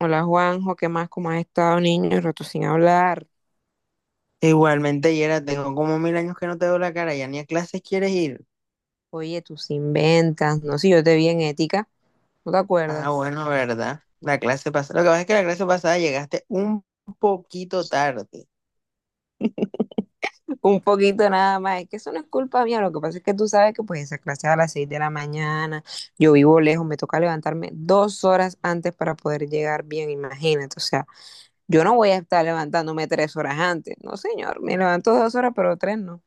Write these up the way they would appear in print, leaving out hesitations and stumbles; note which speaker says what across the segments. Speaker 1: Hola Juanjo, ¿qué más? ¿Cómo has estado, niño? Rato sin hablar.
Speaker 2: Igualmente, Yera, tengo como mil años que no te veo la cara, ya ni a clases quieres ir.
Speaker 1: Oye, tus inventas. No sé, yo te vi en ética, ¿no te
Speaker 2: Ah,
Speaker 1: acuerdas?
Speaker 2: bueno, ¿verdad? La clase pasada. Lo que pasa es que la clase pasada llegaste un poquito tarde.
Speaker 1: Un poquito nada más. Es que eso no es culpa mía. Lo que pasa es que tú sabes que pues esa clase es a las 6 de la mañana. Yo vivo lejos, me toca levantarme 2 horas antes para poder llegar bien, imagínate. O sea, yo no voy a estar levantándome 3 horas antes. No, señor, me levanto 2 horas, pero tres no.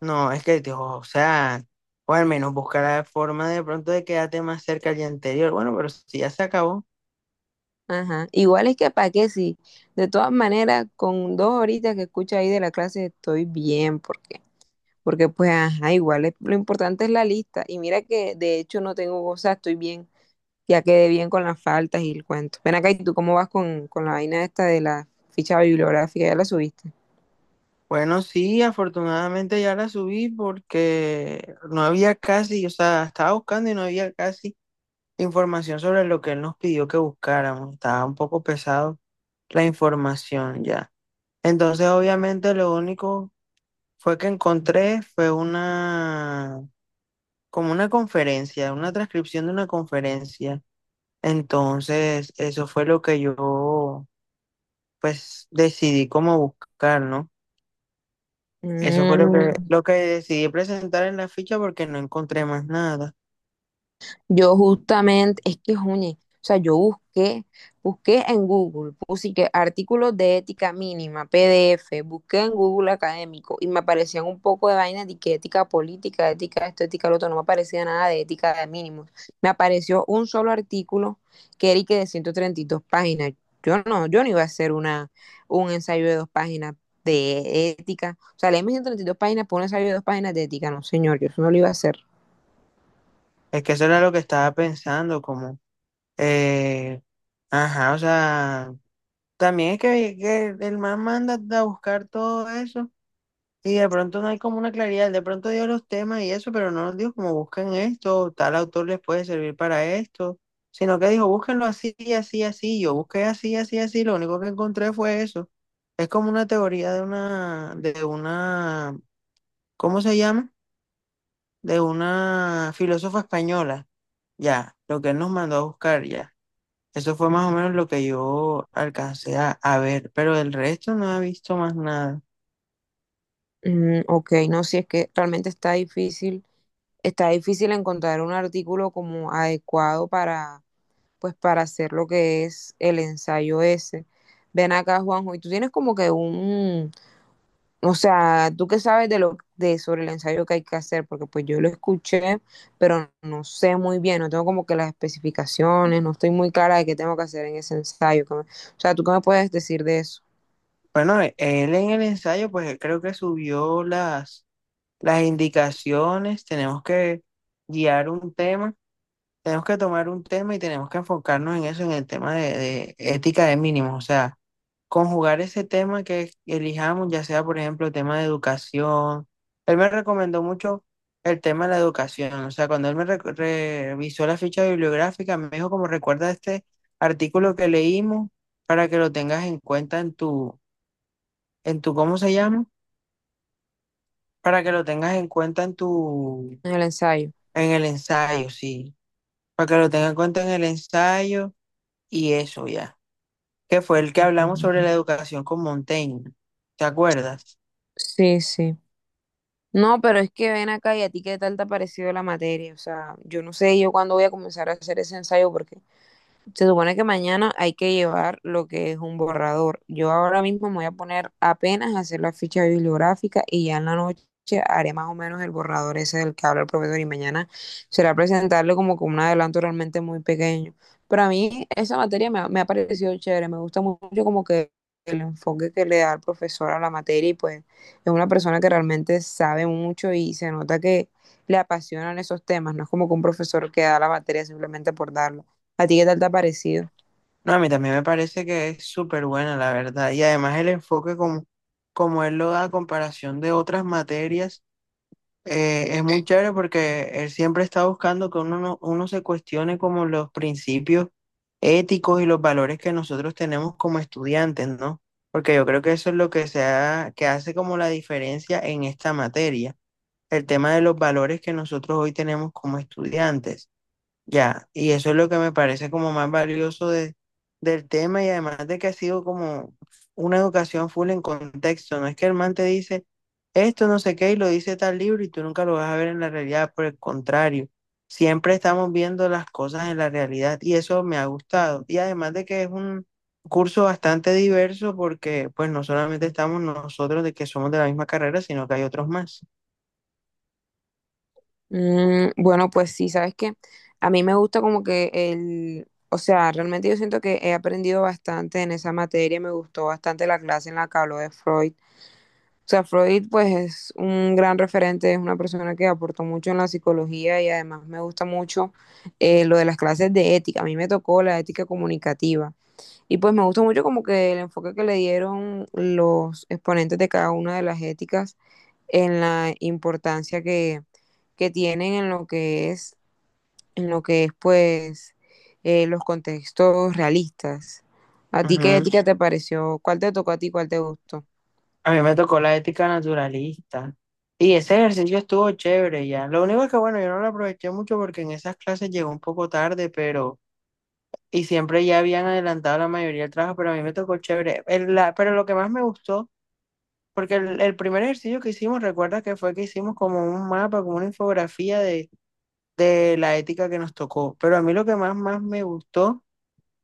Speaker 2: No, es que, tío, o sea, o al menos buscar la forma de pronto de quedarte más cerca al día anterior. Bueno, pero si ya se acabó.
Speaker 1: Ajá. Igual es que para qué sí. De todas maneras, con dos horitas que escucho ahí de la clase estoy bien, porque pues, ajá, igual lo importante es la lista. Y mira que de hecho no tengo cosas, estoy bien, ya quedé bien con las faltas y el cuento. Ven acá, ¿y tú cómo vas con la vaina esta de la ficha bibliográfica? ¿Ya la subiste?
Speaker 2: Bueno, sí, afortunadamente ya la subí porque no había casi, o sea, estaba buscando y no había casi información sobre lo que él nos pidió que buscáramos. Estaba un poco pesado la información ya. Entonces, obviamente, lo único fue que encontré fue una, como una conferencia, una transcripción de una conferencia. Entonces, eso fue lo que yo, pues, decidí cómo buscar, ¿no? Eso fue lo que,
Speaker 1: Mm.
Speaker 2: lo que decidí presentar en la ficha porque no encontré más nada.
Speaker 1: Yo justamente, es que, oye, o sea, yo busqué, busqué en Google, puse que artículos de ética mínima, PDF, busqué en Google académico y me aparecían un poco de vainas de que ética política, ética esto, ética lo otro, no me aparecía nada de ética de mínimos. Me apareció un solo artículo que era y que de 132 páginas. Yo no, yo no iba a hacer una, un ensayo de 2 páginas de ética. O sea, leerme 132 páginas por un ensayo de 2 páginas de ética, no, señor, yo eso no lo iba a hacer.
Speaker 2: Es que eso era lo que estaba pensando, como, eh, ajá, o sea, también es que el man manda a buscar todo eso. Sí, de pronto no hay como una claridad, de pronto dio los temas y eso, pero no nos dijo como busquen esto, tal autor les puede servir para esto, sino que dijo búsquenlo así, así, así, yo busqué así, así, así, lo único que encontré fue eso. Es como una teoría de una, ¿cómo se llama? De una filósofa española, ya, lo que él nos mandó a buscar, ya. Eso fue más o menos lo que yo alcancé a ver, pero el resto no he visto más nada.
Speaker 1: Mm, ok, no, si es que realmente está difícil encontrar un artículo como adecuado para, pues, para hacer lo que es el ensayo ese. Ven acá, Juanjo, y tú tienes como que un, o sea, tú qué sabes de lo de sobre el ensayo que hay que hacer, porque pues yo lo escuché, pero no sé muy bien, no tengo como que las especificaciones, no estoy muy clara de qué tengo que hacer en ese ensayo. O sea, ¿tú qué me puedes decir de eso,
Speaker 2: Bueno, él en el ensayo, pues creo que subió las indicaciones, tenemos que guiar un tema, tenemos que tomar un tema y tenemos que enfocarnos en eso, en el tema de ética de mínimos, o sea, conjugar ese tema que elijamos, ya sea, por ejemplo, el tema de educación. Él me recomendó mucho el tema de la educación, o sea, cuando él me revisó la ficha bibliográfica, me dijo como recuerda este artículo que leímos para que lo tengas en cuenta en tu, ¿cómo se llama? Para que lo tengas en cuenta en tu,
Speaker 1: en el ensayo?
Speaker 2: en el ensayo, sí. Para que lo tengas en cuenta en el ensayo y eso ya. Que fue el que hablamos sobre
Speaker 1: Mm.
Speaker 2: la educación con Montaigne. ¿Te acuerdas?
Speaker 1: Sí, sí. No, pero es que ven acá y a ti qué tal te ha parecido la materia. O sea, yo no sé yo cuándo voy a comenzar a hacer ese ensayo porque se supone que mañana hay que llevar lo que es un borrador. Yo ahora mismo me voy a poner apenas a hacer la ficha bibliográfica y ya en la noche haré más o menos el borrador ese del que habla el profesor y mañana será presentarle como con un adelanto realmente muy pequeño. Pero a mí esa materia me ha parecido chévere, me gusta mucho como que el enfoque que le da el profesor a la materia y pues es una persona que realmente sabe mucho y se nota que le apasionan esos temas, no es como que un profesor que da la materia simplemente por darla. ¿A ti qué tal te ha parecido?
Speaker 2: No, a mí también me parece que es súper buena, la verdad. Y además el enfoque como, como él lo da a comparación de otras materias. Es muy chévere porque él siempre está buscando que uno, no- uno se cuestione como los principios éticos y los valores que nosotros tenemos como estudiantes, ¿no? Porque yo creo que eso es lo que que hace como la diferencia en esta materia, el tema de los valores que nosotros hoy tenemos como estudiantes. Ya, y eso es lo que me parece como más valioso del tema y además de que ha sido como una educación full en contexto, no es que el man te dice esto no sé qué y lo dice tal libro y tú nunca lo vas a ver en la realidad, por el contrario, siempre estamos viendo las cosas en la realidad y eso me ha gustado. Y además de que es un curso bastante diverso porque pues no solamente estamos nosotros de que somos de la misma carrera, sino que hay otros más.
Speaker 1: Mm, bueno, pues sí, sabes que a mí me gusta como que el, o sea, realmente yo siento que he aprendido bastante en esa materia, me gustó bastante la clase en la que habló de Freud. O sea, Freud pues es un gran referente, es una persona que aportó mucho en la psicología y además me gusta mucho lo de las clases de ética. A mí me tocó la ética comunicativa. Y pues me gustó mucho como que el enfoque que le dieron los exponentes de cada una de las éticas en la importancia que tienen en lo que es, en lo que es pues los contextos realistas. ¿A ti qué ética te pareció? ¿Cuál te tocó a ti? ¿Cuál te gustó?
Speaker 2: A mí me tocó la ética naturalista. Y ese ejercicio estuvo chévere ya. Lo único es que, bueno, yo no lo aproveché mucho porque en esas clases llegó un poco tarde, pero... Y siempre ya habían adelantado la mayoría del trabajo, pero a mí me tocó chévere. Pero lo que más me gustó, porque el primer ejercicio que hicimos, recuerda que fue que hicimos como un mapa, como una infografía de la ética que nos tocó. Pero a mí lo que más me gustó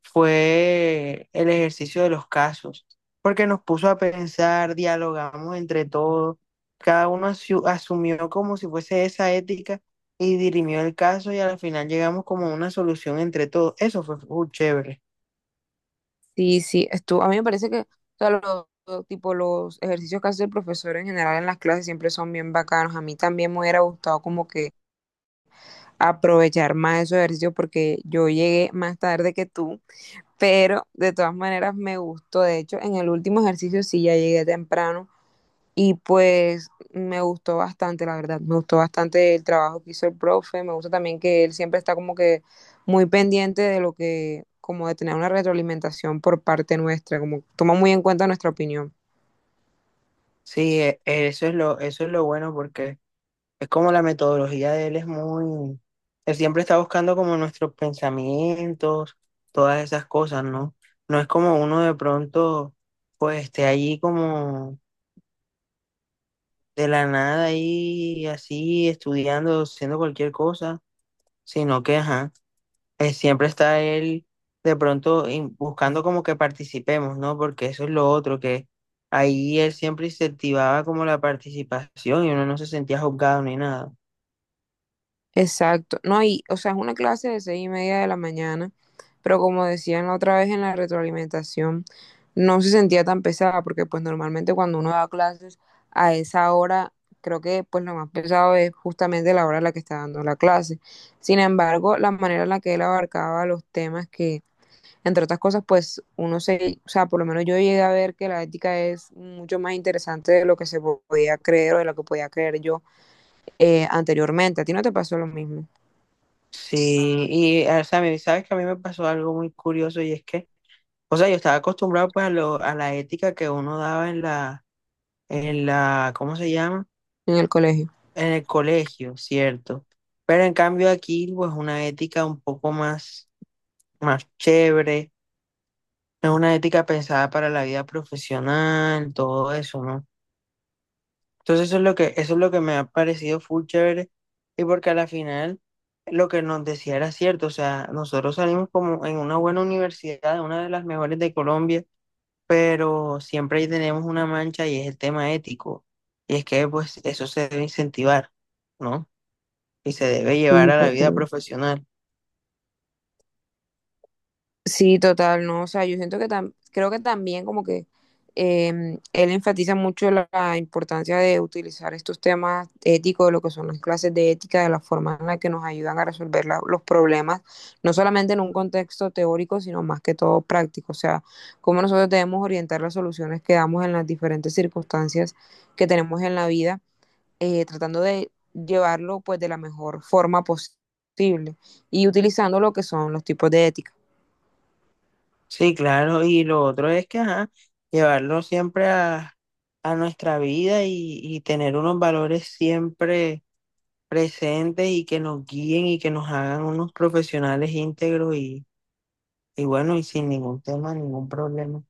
Speaker 2: fue el ejercicio de los casos, porque nos puso a pensar, dialogamos entre todos, cada uno asumió como si fuese esa ética y dirimió el caso y al final llegamos como a una solución entre todos. Eso fue full chévere.
Speaker 1: Sí, sí, estuvo, a mí me parece que o sea, los, tipo, los ejercicios que hace el profesor en general en las clases siempre son bien bacanos. A mí también me hubiera gustado como que aprovechar más esos ejercicios porque yo llegué más tarde que tú, pero de todas maneras me gustó. De hecho, en el último ejercicio sí ya llegué temprano y pues me gustó bastante, la verdad. Me gustó bastante el trabajo que hizo el profe. Me gusta también que él siempre está como que muy pendiente de lo que, como de tener una retroalimentación por parte nuestra, como toma muy en cuenta nuestra opinión.
Speaker 2: Sí, eso es eso es lo bueno porque es como la metodología de él es muy, él siempre está buscando como nuestros pensamientos, todas esas cosas, ¿no? No es como uno de pronto, pues esté allí como de la nada ahí así estudiando, haciendo cualquier cosa, sino que, ajá, siempre está él de pronto buscando como que participemos, ¿no? Porque eso es lo otro, que ahí él siempre incentivaba como la participación y uno no se sentía juzgado ni nada.
Speaker 1: Exacto, no, y, o sea, es una clase de 6:30 de la mañana, pero como decían la otra vez en la retroalimentación, no se sentía tan pesada, porque pues normalmente cuando uno da clases a esa hora, creo que pues lo más pesado es justamente la hora en la que está dando la clase. Sin embargo, la manera en la que él abarcaba los temas que, entre otras cosas, pues uno se, o sea, por lo menos yo llegué a ver que la ética es mucho más interesante de lo que se podía creer o de lo que podía creer yo anteriormente. ¿A ti no te pasó lo mismo?
Speaker 2: Sí, y o sea, a mí, sabes que a mí me pasó algo muy curioso y es que, o sea, yo estaba acostumbrado pues a la ética que uno daba en la, ¿cómo se llama?
Speaker 1: En el colegio.
Speaker 2: En el colegio, cierto. Pero en cambio aquí, pues una ética un poco más, más chévere, no es una ética pensada para la vida profesional, todo eso, ¿no? Entonces eso es eso es lo que me ha parecido full chévere y porque a la final lo que nos decía era cierto, o sea, nosotros salimos como en una buena universidad, una de las mejores de Colombia, pero siempre ahí tenemos una mancha y es el tema ético. Y es que pues eso se debe incentivar, ¿no? Y se debe
Speaker 1: Sí,
Speaker 2: llevar a la vida
Speaker 1: total.
Speaker 2: profesional.
Speaker 1: Sí, total, no, o sea, yo siento que creo que también como que él enfatiza mucho la importancia de utilizar estos temas éticos, lo que son las clases de ética, de la forma en la que nos ayudan a resolver los problemas, no solamente en un contexto teórico, sino más que todo práctico, o sea, cómo nosotros debemos orientar las soluciones que damos en las diferentes circunstancias que tenemos en la vida tratando de llevarlo pues de la mejor forma posible y utilizando lo que son los tipos de ética.
Speaker 2: Sí, claro, y lo otro es que, ajá, llevarlo siempre a nuestra vida y tener unos valores siempre presentes y que nos guíen y que nos hagan unos profesionales íntegros y bueno, y sin ningún tema, ningún problema.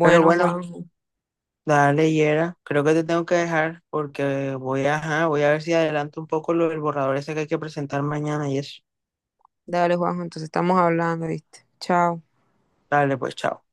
Speaker 2: Pero bueno,
Speaker 1: Juanjo,
Speaker 2: dale, Yera, creo que te tengo que dejar porque voy a, ajá, voy a ver si adelanto un poco lo del borrador ese que hay que presentar mañana y eso.
Speaker 1: dale Juanjo, entonces estamos hablando, ¿viste? Chao.
Speaker 2: Dale, pues, chao.